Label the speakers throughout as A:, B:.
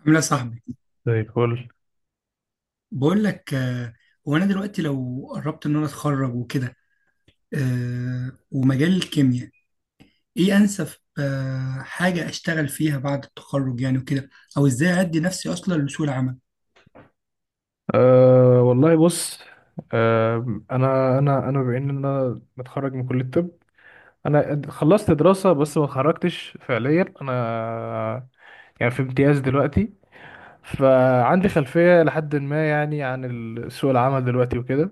A: عامل ايه يا صاحبي؟
B: زي الفل.
A: بقول لك هو انا دلوقتي لو قربت ان انا اتخرج وكده، ومجال الكيمياء ايه انسب، حاجه اشتغل فيها بعد التخرج يعني وكده، او ازاي ادي نفسي اصلا لسوق العمل.
B: أه، والله بص. أه انا بما ان انا متخرج من كليه الطب. انا خلصت دراسه بس ما اتخرجتش فعليا، انا يعني في امتياز دلوقتي، فعندي خلفيه لحد ما، يعني، عن سوق العمل دلوقتي وكده.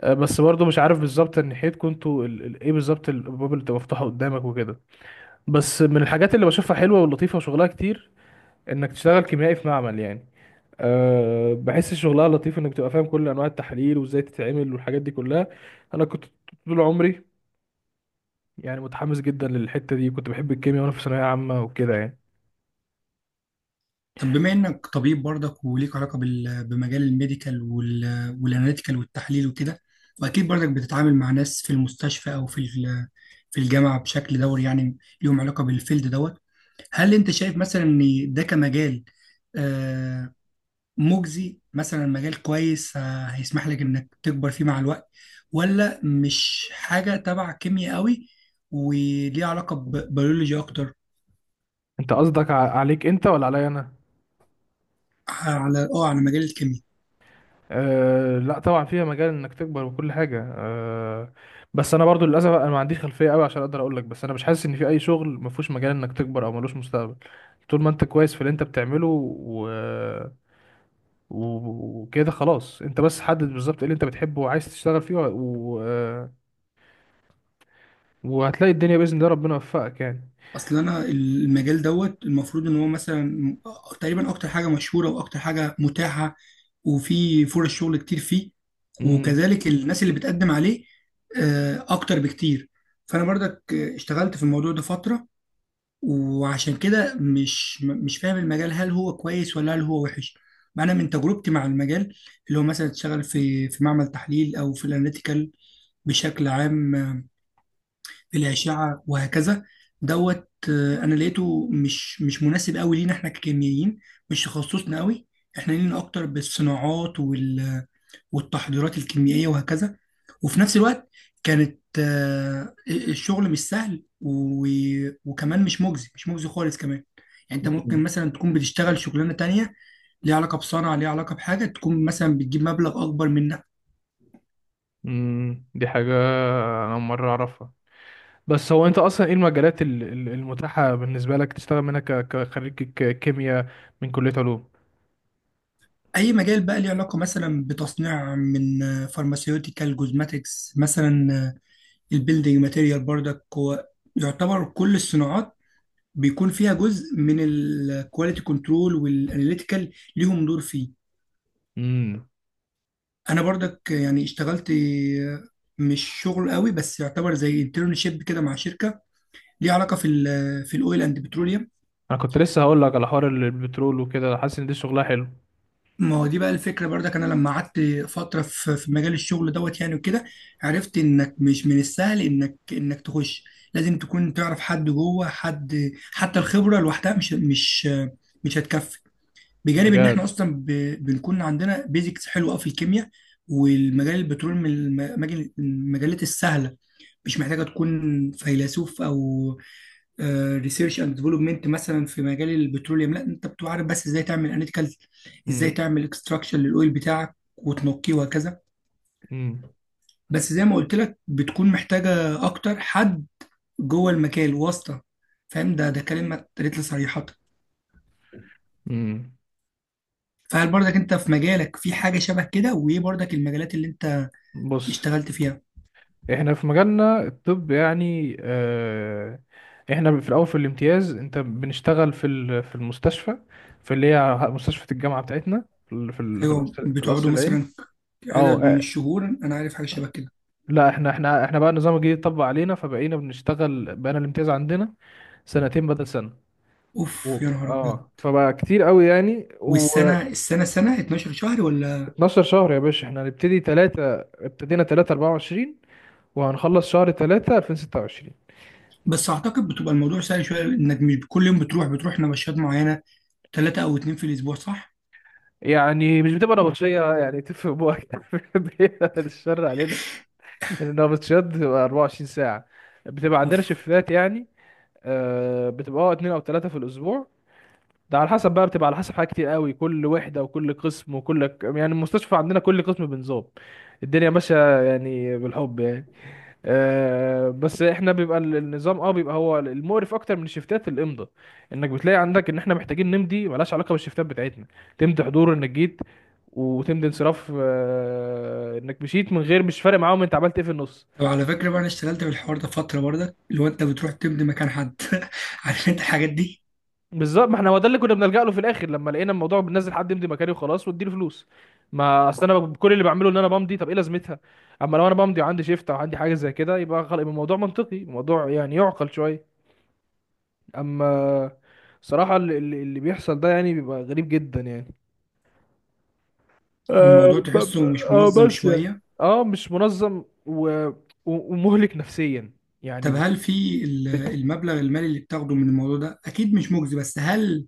B: أه بس برضه مش عارف بالظبط ناحيتكم انتوا ايه بالظبط الابواب اللي بتبقى مفتوحه قدامك وكده. بس من الحاجات اللي بشوفها حلوه ولطيفه وشغلها كتير، انك تشتغل كيميائي في معمل يعني. أه بحس شغلها لطيف، انك تبقى فاهم كل انواع التحاليل وازاي تتعمل والحاجات دي كلها. انا كنت طول عمري يعني متحمس جدا للحته دي، كنت بحب الكيمياء وانا في ثانويه عامه وكده يعني.
A: طب بما انك طبيب برضك وليك علاقه بمجال الميديكال والاناليتيكال والتحليل وكده، واكيد برضك بتتعامل مع ناس في المستشفى او في في الجامعه بشكل دوري، يعني ليهم علاقه بالفيلد دوت. هل انت شايف مثلا ان ده كمجال آه، مجزي، مثلا مجال كويس، هيسمح لك انك تكبر فيه مع الوقت، ولا مش حاجه تبع كيمياء قوي وليه علاقه ببيولوجي اكتر؟
B: انت قصدك عليك انت ولا عليا انا؟
A: على اه على مجال الكيمياء.
B: أه لا، طبعا فيها مجال انك تكبر وكل حاجه. أه، بس انا برضو للاسف انا ما عنديش خلفيه قوي عشان اقدر اقول لك. بس انا مش حاسس ان في اي شغل ما فيهوش مجال انك تكبر او ملوش مستقبل. طول ما انت كويس في اللي انت بتعمله وكده خلاص، انت بس حدد بالظبط ايه اللي انت بتحبه وعايز تشتغل فيه، و... و... آه، وهتلاقي الدنيا، باذن الله ربنا يوفقك يعني.
A: اصل انا المجال دوت المفروض ان هو مثلا تقريبا اكتر حاجه مشهوره واكتر حاجه متاحه، وفي فرص شغل كتير فيه،
B: امم.
A: وكذلك الناس اللي بتقدم عليه اكتر بكتير. فانا برضك اشتغلت في الموضوع ده فتره، وعشان كده مش فاهم المجال هل هو كويس ولا هل هو وحش. ما انا من تجربتي مع المجال، اللي هو مثلا تشتغل في معمل تحليل او في الاناليتيكال بشكل عام، في الأشعة وهكذا دوت. أنا لقيته مش مناسب قوي لينا احنا ككيميائيين، مش تخصصنا قوي. احنا لينا أكتر بالصناعات والتحضيرات الكيميائية وهكذا. وفي نفس الوقت كانت الشغل مش سهل وكمان مش مجزي خالص كمان. يعني انت ممكن
B: مم.
A: مثلا تكون بتشتغل شغلانة تانية ليها علاقة بصنعة، ليها علاقة بحاجة، تكون مثلا بتجيب مبلغ أكبر منها.
B: امم، دي حاجه انا أول مره اعرفها. بس هو انت اصلا ايه المجالات المتاحه بالنسبه لك تشتغل منها كخريج كيمياء من كليه علوم؟
A: أي مجال بقى ليه علاقة مثلا بتصنيع، من فارماسيوتيكال جوزماتكس مثلا، البيلدينج ماتيريال برضك. هو يعتبر كل الصناعات بيكون فيها جزء من الكواليتي كنترول، والاناليتيكال ليهم دور فيه.
B: امم.
A: انا برضك يعني اشتغلت مش شغل قوي، بس يعتبر زي انترنشيب كده، مع شركه ليها علاقه في الاويل اند بتروليوم.
B: انا كنت لسه هقول لك على حوار البترول وكده، حاسس ان دي شغلها حلو.
A: ما هو دي بقى الفكره، برضك انا لما قعدت فتره في مجال الشغل دوت يعني وكده، عرفت انك مش من السهل انك تخش. لازم تكون تعرف حد جوه، حد حتى الخبره لوحدها مش هتكفي. بجانب ان احنا
B: بجد.
A: اصلا بنكون عندنا بيزكس حلوه أوي في الكيمياء. والمجال البترول من المجالات السهله، مش محتاجة تكون فيلسوف أو ريسيرش اند ديفلوبمنت مثلا. في مجال البتروليوم لا، انت بتبقى عارف بس ازاي تعمل اناليتيكال، ازاي
B: امم.
A: تعمل اكستراكشن للاويل بتاعك وتنقيه وهكذا.
B: امم.
A: بس زي ما قلت لك بتكون محتاجة اكتر حد جوه المجال، واسطة فاهم. ده كلمة اتقالت لي صريحة.
B: امم.
A: فهل برضك انت في مجالك في حاجة شبه كده؟ وايه برضك المجالات اللي انت
B: بص،
A: اشتغلت فيها؟
B: احنا في مجالنا الطب يعني. آه، احنا في الاول في الامتياز، انت بنشتغل في في المستشفى، في اللي هي مستشفى الجامعه بتاعتنا، في ال- في ال- في
A: ايوه،
B: القصر في القصر
A: بتقعدوا
B: العيني.
A: مثلا
B: اه،
A: عدد من
B: آه،
A: الشهور، انا عارف حاجة شبه كده.
B: لا احنا بقى النظام الجديد اتطبق علينا، فبقينا بنشتغل، بقينا الامتياز عندنا سنتين بدل سنه.
A: اوف يا نهار ابيض.
B: اه فبقى كتير قوي يعني،
A: والسنه
B: و12
A: السنه 12 شهر ولا؟
B: شهر يا باشا. احنا هنبتدي 3، ابتدينا 3 24، وهنخلص شهر 3 2026.
A: بس اعتقد بتبقى الموضوع سهل شويه، انك مش كل يوم بتروح نبشات معينه، ثلاثه او اتنين في الاسبوع، صح؟
B: يعني مش بتبقى نبطشية يعني، تفهم بوك. بعيد عن الشر علينا. لأن النبطشيات بتبقى 24 ساعة. بتبقى عندنا
A: اوف.
B: شفتات يعني. آه، بتبقى اه اتنين أو تلاتة في الأسبوع. ده على حسب بقى، بتبقى على حسب حاجات كتير قوي، كل وحدة وكل قسم يعني المستشفى عندنا كل قسم بنظام. الدنيا ماشية يعني بالحب يعني. آه، بس احنا بيبقى النظام، اه، بيبقى هو المقرف اكتر من الشفتات، الامضاء. انك بتلاقي عندك ان احنا محتاجين نمضي ملهاش علاقه بالشفتات بتاعتنا. تمضي حضور انك جيت، وتمضي انصراف، آه، انك مشيت من غير، مش فارق معاهم انت عملت ايه في النص.
A: طب على فكره بقى، انا اشتغلت في الحوار ده فتره برضك، اللي هو انت بتروح تمضي مكان حد. عارف انت الحاجات دي.
B: بالظبط، ما احنا هو ده اللي كنا بنلجأ له في الاخر، لما لقينا الموضوع بننزل حد يمضي مكاني وخلاص واديله فلوس. ما اصل انا كل اللي بعمله ان انا بمضي، طب ايه لازمتها؟ اما لو انا بمضي وعندي شيفت او عندي حاجه زي كده يبقى خلاص، يبقى الموضوع منطقي، الموضوع يعني يعقل شويه. اما صراحة اللي بيحصل ده يعني بيبقى غريب جدا يعني. آه
A: والموضوع
B: ب- ب-
A: تحسه مش منظم
B: بس يعني،
A: شويه.
B: اه مش منظم ومهلك نفسيا يعني،
A: طب هل في
B: ب-
A: المبلغ المالي اللي بتاخده من الموضوع ده، اكيد مش مجزي، بس هل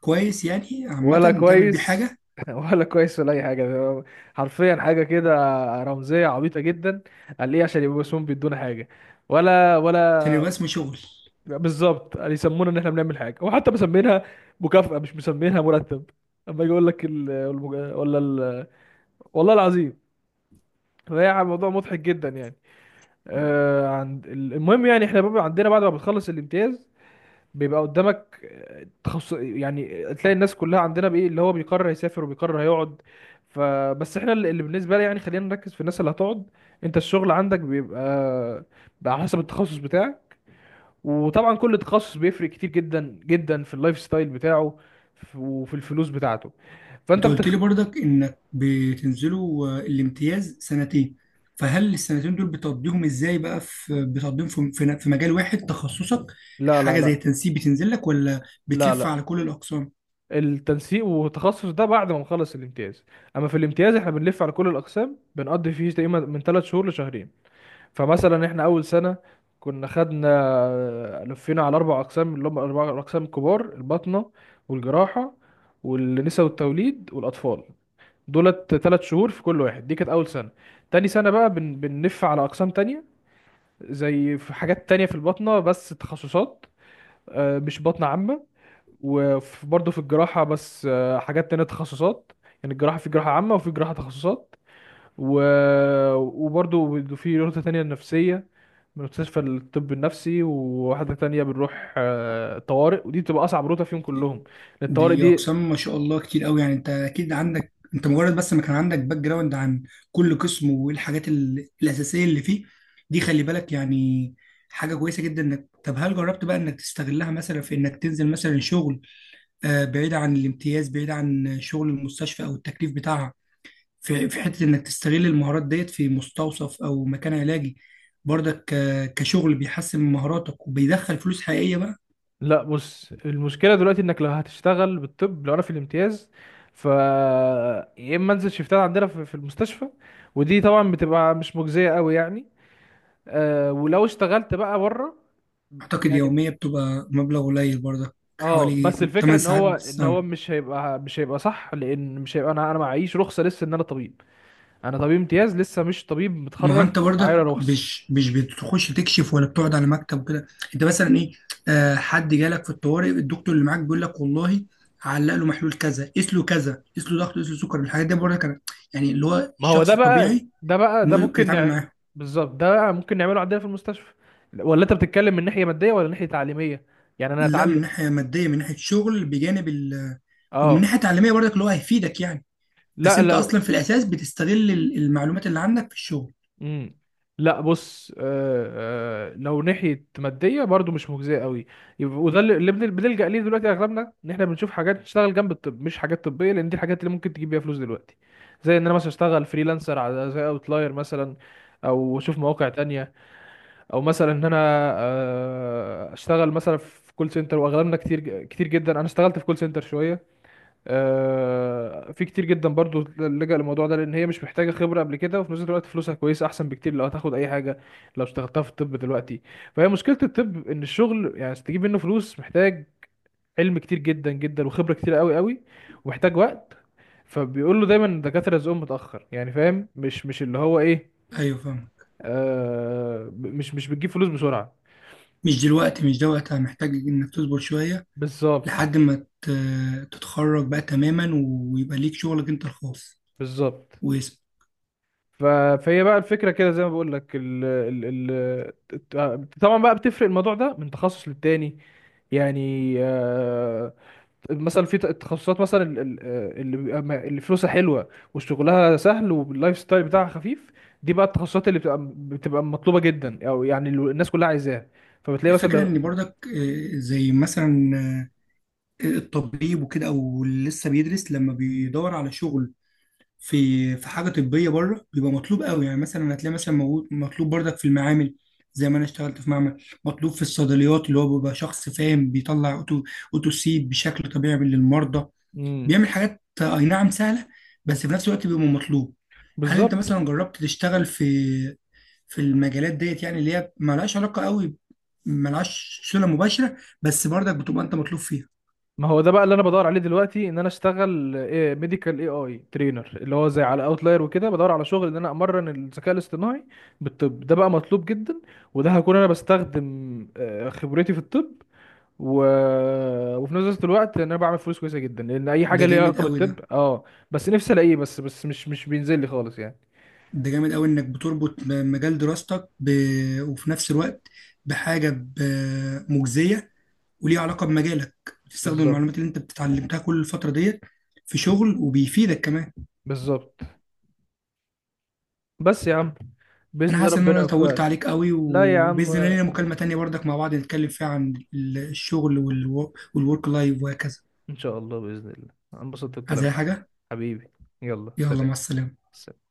A: كويس يعني عامه
B: ولا
A: تعمل بيه
B: كويس.
A: حاجه؟
B: ولا كويس، ولا اي حاجة، ده حرفيا حاجة كده رمزية عبيطة جدا. قال ليه عشان يبقوا اسمهم بيدونا حاجة. ولا
A: عشان
B: ولا
A: يبقى اسمه شغل.
B: بالظبط، قال يسمونا ان احنا بنعمل حاجة، وحتى مسمينها مكافأة مش مسمينها مرتب. اما يجي يقول لك ال... المج... ولا ال... والله العظيم، فهي موضوع مضحك جدا يعني. آه، عند المهم يعني، احنا بقى عندنا بعد ما بتخلص الامتياز بيبقى قدامك آه، تخصص يعني. تلاقي الناس كلها عندنا بايه، اللي هو بيقرر يسافر وبيقرر هيقعد. فبس احنا اللي بالنسبه لي يعني، خلينا نركز في الناس اللي هتقعد. انت الشغل عندك بيبقى بقى على حسب التخصص بتاعك، وطبعا كل تخصص بيفرق كتير جدا جدا في اللايف ستايل بتاعه وفي الفلوس بتاعته.
A: انت
B: فانت
A: قلت
B: بتخ...
A: لي برضك انك بتنزلوا الامتياز سنتين. فهل السنتين دول بتقضيهم ازاي بقى؟ في بتقضيهم في في مجال واحد تخصصك؟
B: لا، لا،
A: حاجه زي
B: لا،
A: التنسيق بتنزل لك، ولا
B: لا،
A: بتلف على
B: لا،
A: كل الاقسام؟
B: التنسيق والتخصص ده بعد ما نخلص الامتياز. اما في الامتياز احنا بنلف على كل الاقسام، بنقضي فيه تقريبا من ثلاث شهور لشهرين. فمثلا احنا اول سنه كنا خدنا، لفينا على اربع اقسام، اللي هم اربع اقسام الكبار: الباطنه والجراحه والنساء والتوليد والاطفال. دولت ثلاث شهور في كل واحد، دي كانت اول سنه. تاني سنه بقى بنلف على اقسام تانية، زي في حاجات تانية في الباطنه بس تخصصات، آه، مش باطنه عامه. وبرضه في الجراحة بس آه، حاجات تانية تخصصات. يعني الجراحة في جراحة عامة وفي جراحة تخصصات. و... وبرضه في نقطة تانية، النفسية من مستشفى الطب النفسي. وواحدة تانية بنروح آه، طوارئ، ودي بتبقى أصعب روتة فيهم كلهم، لأن الطوارئ
A: دي
B: دي.
A: اقسام ما شاء الله كتير قوي. يعني انت اكيد عندك، انت مجرد بس ما كان عندك باك جراوند عن كل قسم والحاجات الاساسيه اللي فيه، دي خلي بالك يعني، حاجه كويسه جدا. انك، طب هل جربت بقى انك تستغلها مثلا في انك تنزل مثلا شغل بعيد عن الامتياز، بعيد عن شغل المستشفى او التكليف بتاعها، في حته انك تستغل المهارات ديت في مستوصف او مكان علاجي، برضك كشغل بيحسن من مهاراتك وبيدخل فلوس حقيقيه بقى؟
B: لا بص، المشكلة دلوقتي إنك لو هتشتغل بالطب، لو أنا في الامتياز، ف يا إما أنزل شيفتات عندنا في المستشفى، ودي طبعا بتبقى مش مجزية قوي يعني. آه، ولو اشتغلت بقى بره
A: اعتقد
B: يعني،
A: يوميه بتبقى مبلغ قليل برضك.
B: اه،
A: حوالي
B: بس الفكره
A: 8
B: ان
A: ساعات
B: هو
A: بس اه.
B: مش هيبقى، صح، لان مش هيبقى، انا، معيش رخصه لسه ان انا طبيب. انا طبيب امتياز لسه مش طبيب
A: ما هو
B: متخرج.
A: انت برضك
B: معايا رخصه؟
A: مش بتخش تكشف ولا بتقعد على مكتب وكده؟ انت مثلا ايه، آه حد جالك في الطوارئ، الدكتور اللي معاك بيقول لك والله علق له محلول كذا، قيس له كذا، قيس له ضغط، قيس له سكر. الحاجات دي برضك انا يعني، اللي هو
B: ما هو
A: الشخص الطبيعي
B: ده
A: ممكن
B: ممكن
A: يتعامل
B: نعمل.
A: معاها.
B: بالظبط، ده بقى ممكن نعمله عندنا في المستشفى. ولا انت بتتكلم من ناحيه ماديه ولا ناحيه تعليميه، يعني انا
A: لا،
B: اتعلم؟
A: من ناحيه ماديه، من ناحيه شغل بجانب ال، ومن
B: اه.
A: ناحيه تعليميه برضك اللي هو هيفيدك يعني. بس
B: لا
A: انت
B: لا.
A: اصلا في الاساس بتستغل المعلومات اللي عندك في الشغل.
B: امم. لا بص، آه، لو ناحيه ماديه برضو مش مجزيه قوي. يبقى- وده اللي بنلجأ ليه دلوقتي اغلبنا، ان احنا بنشوف حاجات تشتغل جنب الطب مش حاجات طبيه، لان دي الحاجات اللي ممكن تجيب بيها فلوس دلوقتي. زي ان انا مثلا اشتغل فريلانسر على زي اوتلاير مثلا، او اشوف مواقع تانية، او مثلا ان انا آه اشتغل مثلا في كول سنتر. واغلبنا كتير كتير جدا، انا اشتغلت في كول سنتر شويه، آه، في كتير جدا برضو لجأ للموضوع ده، لان هي مش محتاجه خبره قبل كده، وفي نفس الوقت فلوسها كويسه احسن بكتير لو هتاخد اي حاجه لو اشتغلتها في الطب دلوقتي. فهي مشكله الطب ان الشغل يعني عشان تجيب منه فلوس محتاج علم كتير جدا جدا وخبره كتير قوي قوي، ومحتاج وقت. فبيقول له دايما، الدكاتره رزقهم متاخر يعني، فاهم مش مش اللي هو ايه.
A: ايوه فاهم.
B: آه مش مش بتجيب فلوس بسرعه.
A: مش دلوقتي، مش ده وقتها، محتاج انك تصبر شويه
B: بالظبط.
A: لحد ما تتخرج بقى تماما ويبقى ليك شغلك انت الخاص
B: بالظبط.
A: واسم.
B: ف- فهي بقى الفكره كده، زي ما بقول لك، طبعا بقى بتفرق الموضوع ده من تخصص للتاني. يعني، آه، مثلا في تخصصات، مثلا اللي بيبقى، اللي فلوسها حلوه وشغلها سهل واللايف ستايل بتاعها خفيف. دي بقى التخصصات اللي بتبقى مطلوبه جدا، او يعني الناس كلها عايزاها. فبتلاقي مثلا
A: الفكرة ان برضك زي مثلا الطبيب وكده، او اللي لسه بيدرس، لما بيدور على شغل في حاجة طبية بره بيبقى مطلوب قوي. يعني مثلا هتلاقي مثلا مطلوب برضك في المعامل، زي ما انا اشتغلت في معمل، مطلوب في الصيدليات، اللي هو بيبقى شخص فاهم بيطلع اوتوسيد بشكل طبيعي للمرضى،
B: مم.
A: بيعمل حاجات اي نعم سهله، بس في نفس الوقت بيبقى مطلوب. هل انت
B: بالظبط.
A: مثلا جربت تشتغل في المجالات ديت، يعني اللي هي مالهاش علاقه قوي، مالهاش صله مباشره، بس برضك بتبقى انت مطلوب فيها؟
B: ما هو ده بقى اللي انا بدور عليه دلوقتي، ان انا اشتغل ايه، ميديكال اي ترينر، اللي هو زي على اوتلاير وكده، بدور على شغل ان انا امرن الذكاء الاصطناعي بالطب. ده بقى مطلوب جدا. وده هكون انا بستخدم آه، خبرتي في الطب، و... وفي نفس الوقت ان انا بعمل فلوس كويسه جدا، لان اي
A: ده
B: حاجه ليها
A: جامد
B: علاقه
A: قوي ده.
B: بالطب، اه. بس نفسي الاقيه، بس مش بينزل لي خالص يعني.
A: ده جامد قوي انك بتربط مجال دراستك ب، وفي نفس الوقت بحاجه ب، مجزيه وليها علاقه بمجالك، بتستخدم
B: بالظبط.
A: المعلومات اللي انت بتتعلمتها كل الفتره ديت في شغل، وبيفيدك كمان.
B: بالظبط. بس يا عم، باذن
A: انا
B: الله
A: حاسس ان
B: ربنا
A: انا طولت
B: يوفقك.
A: عليك قوي،
B: لا يا عم،
A: وباذن الله لينا مكالمة تانية برضك مع بعض نتكلم فيها عن الشغل والورك لايف وهكذا.
B: إن شاء الله، بإذن الله أنا أنبسطت
A: عايز
B: بالكلام
A: اي
B: معاك.
A: حاجة؟
B: حبيبي. يلا
A: يلا
B: سلام.
A: مع السلامة.
B: سلام.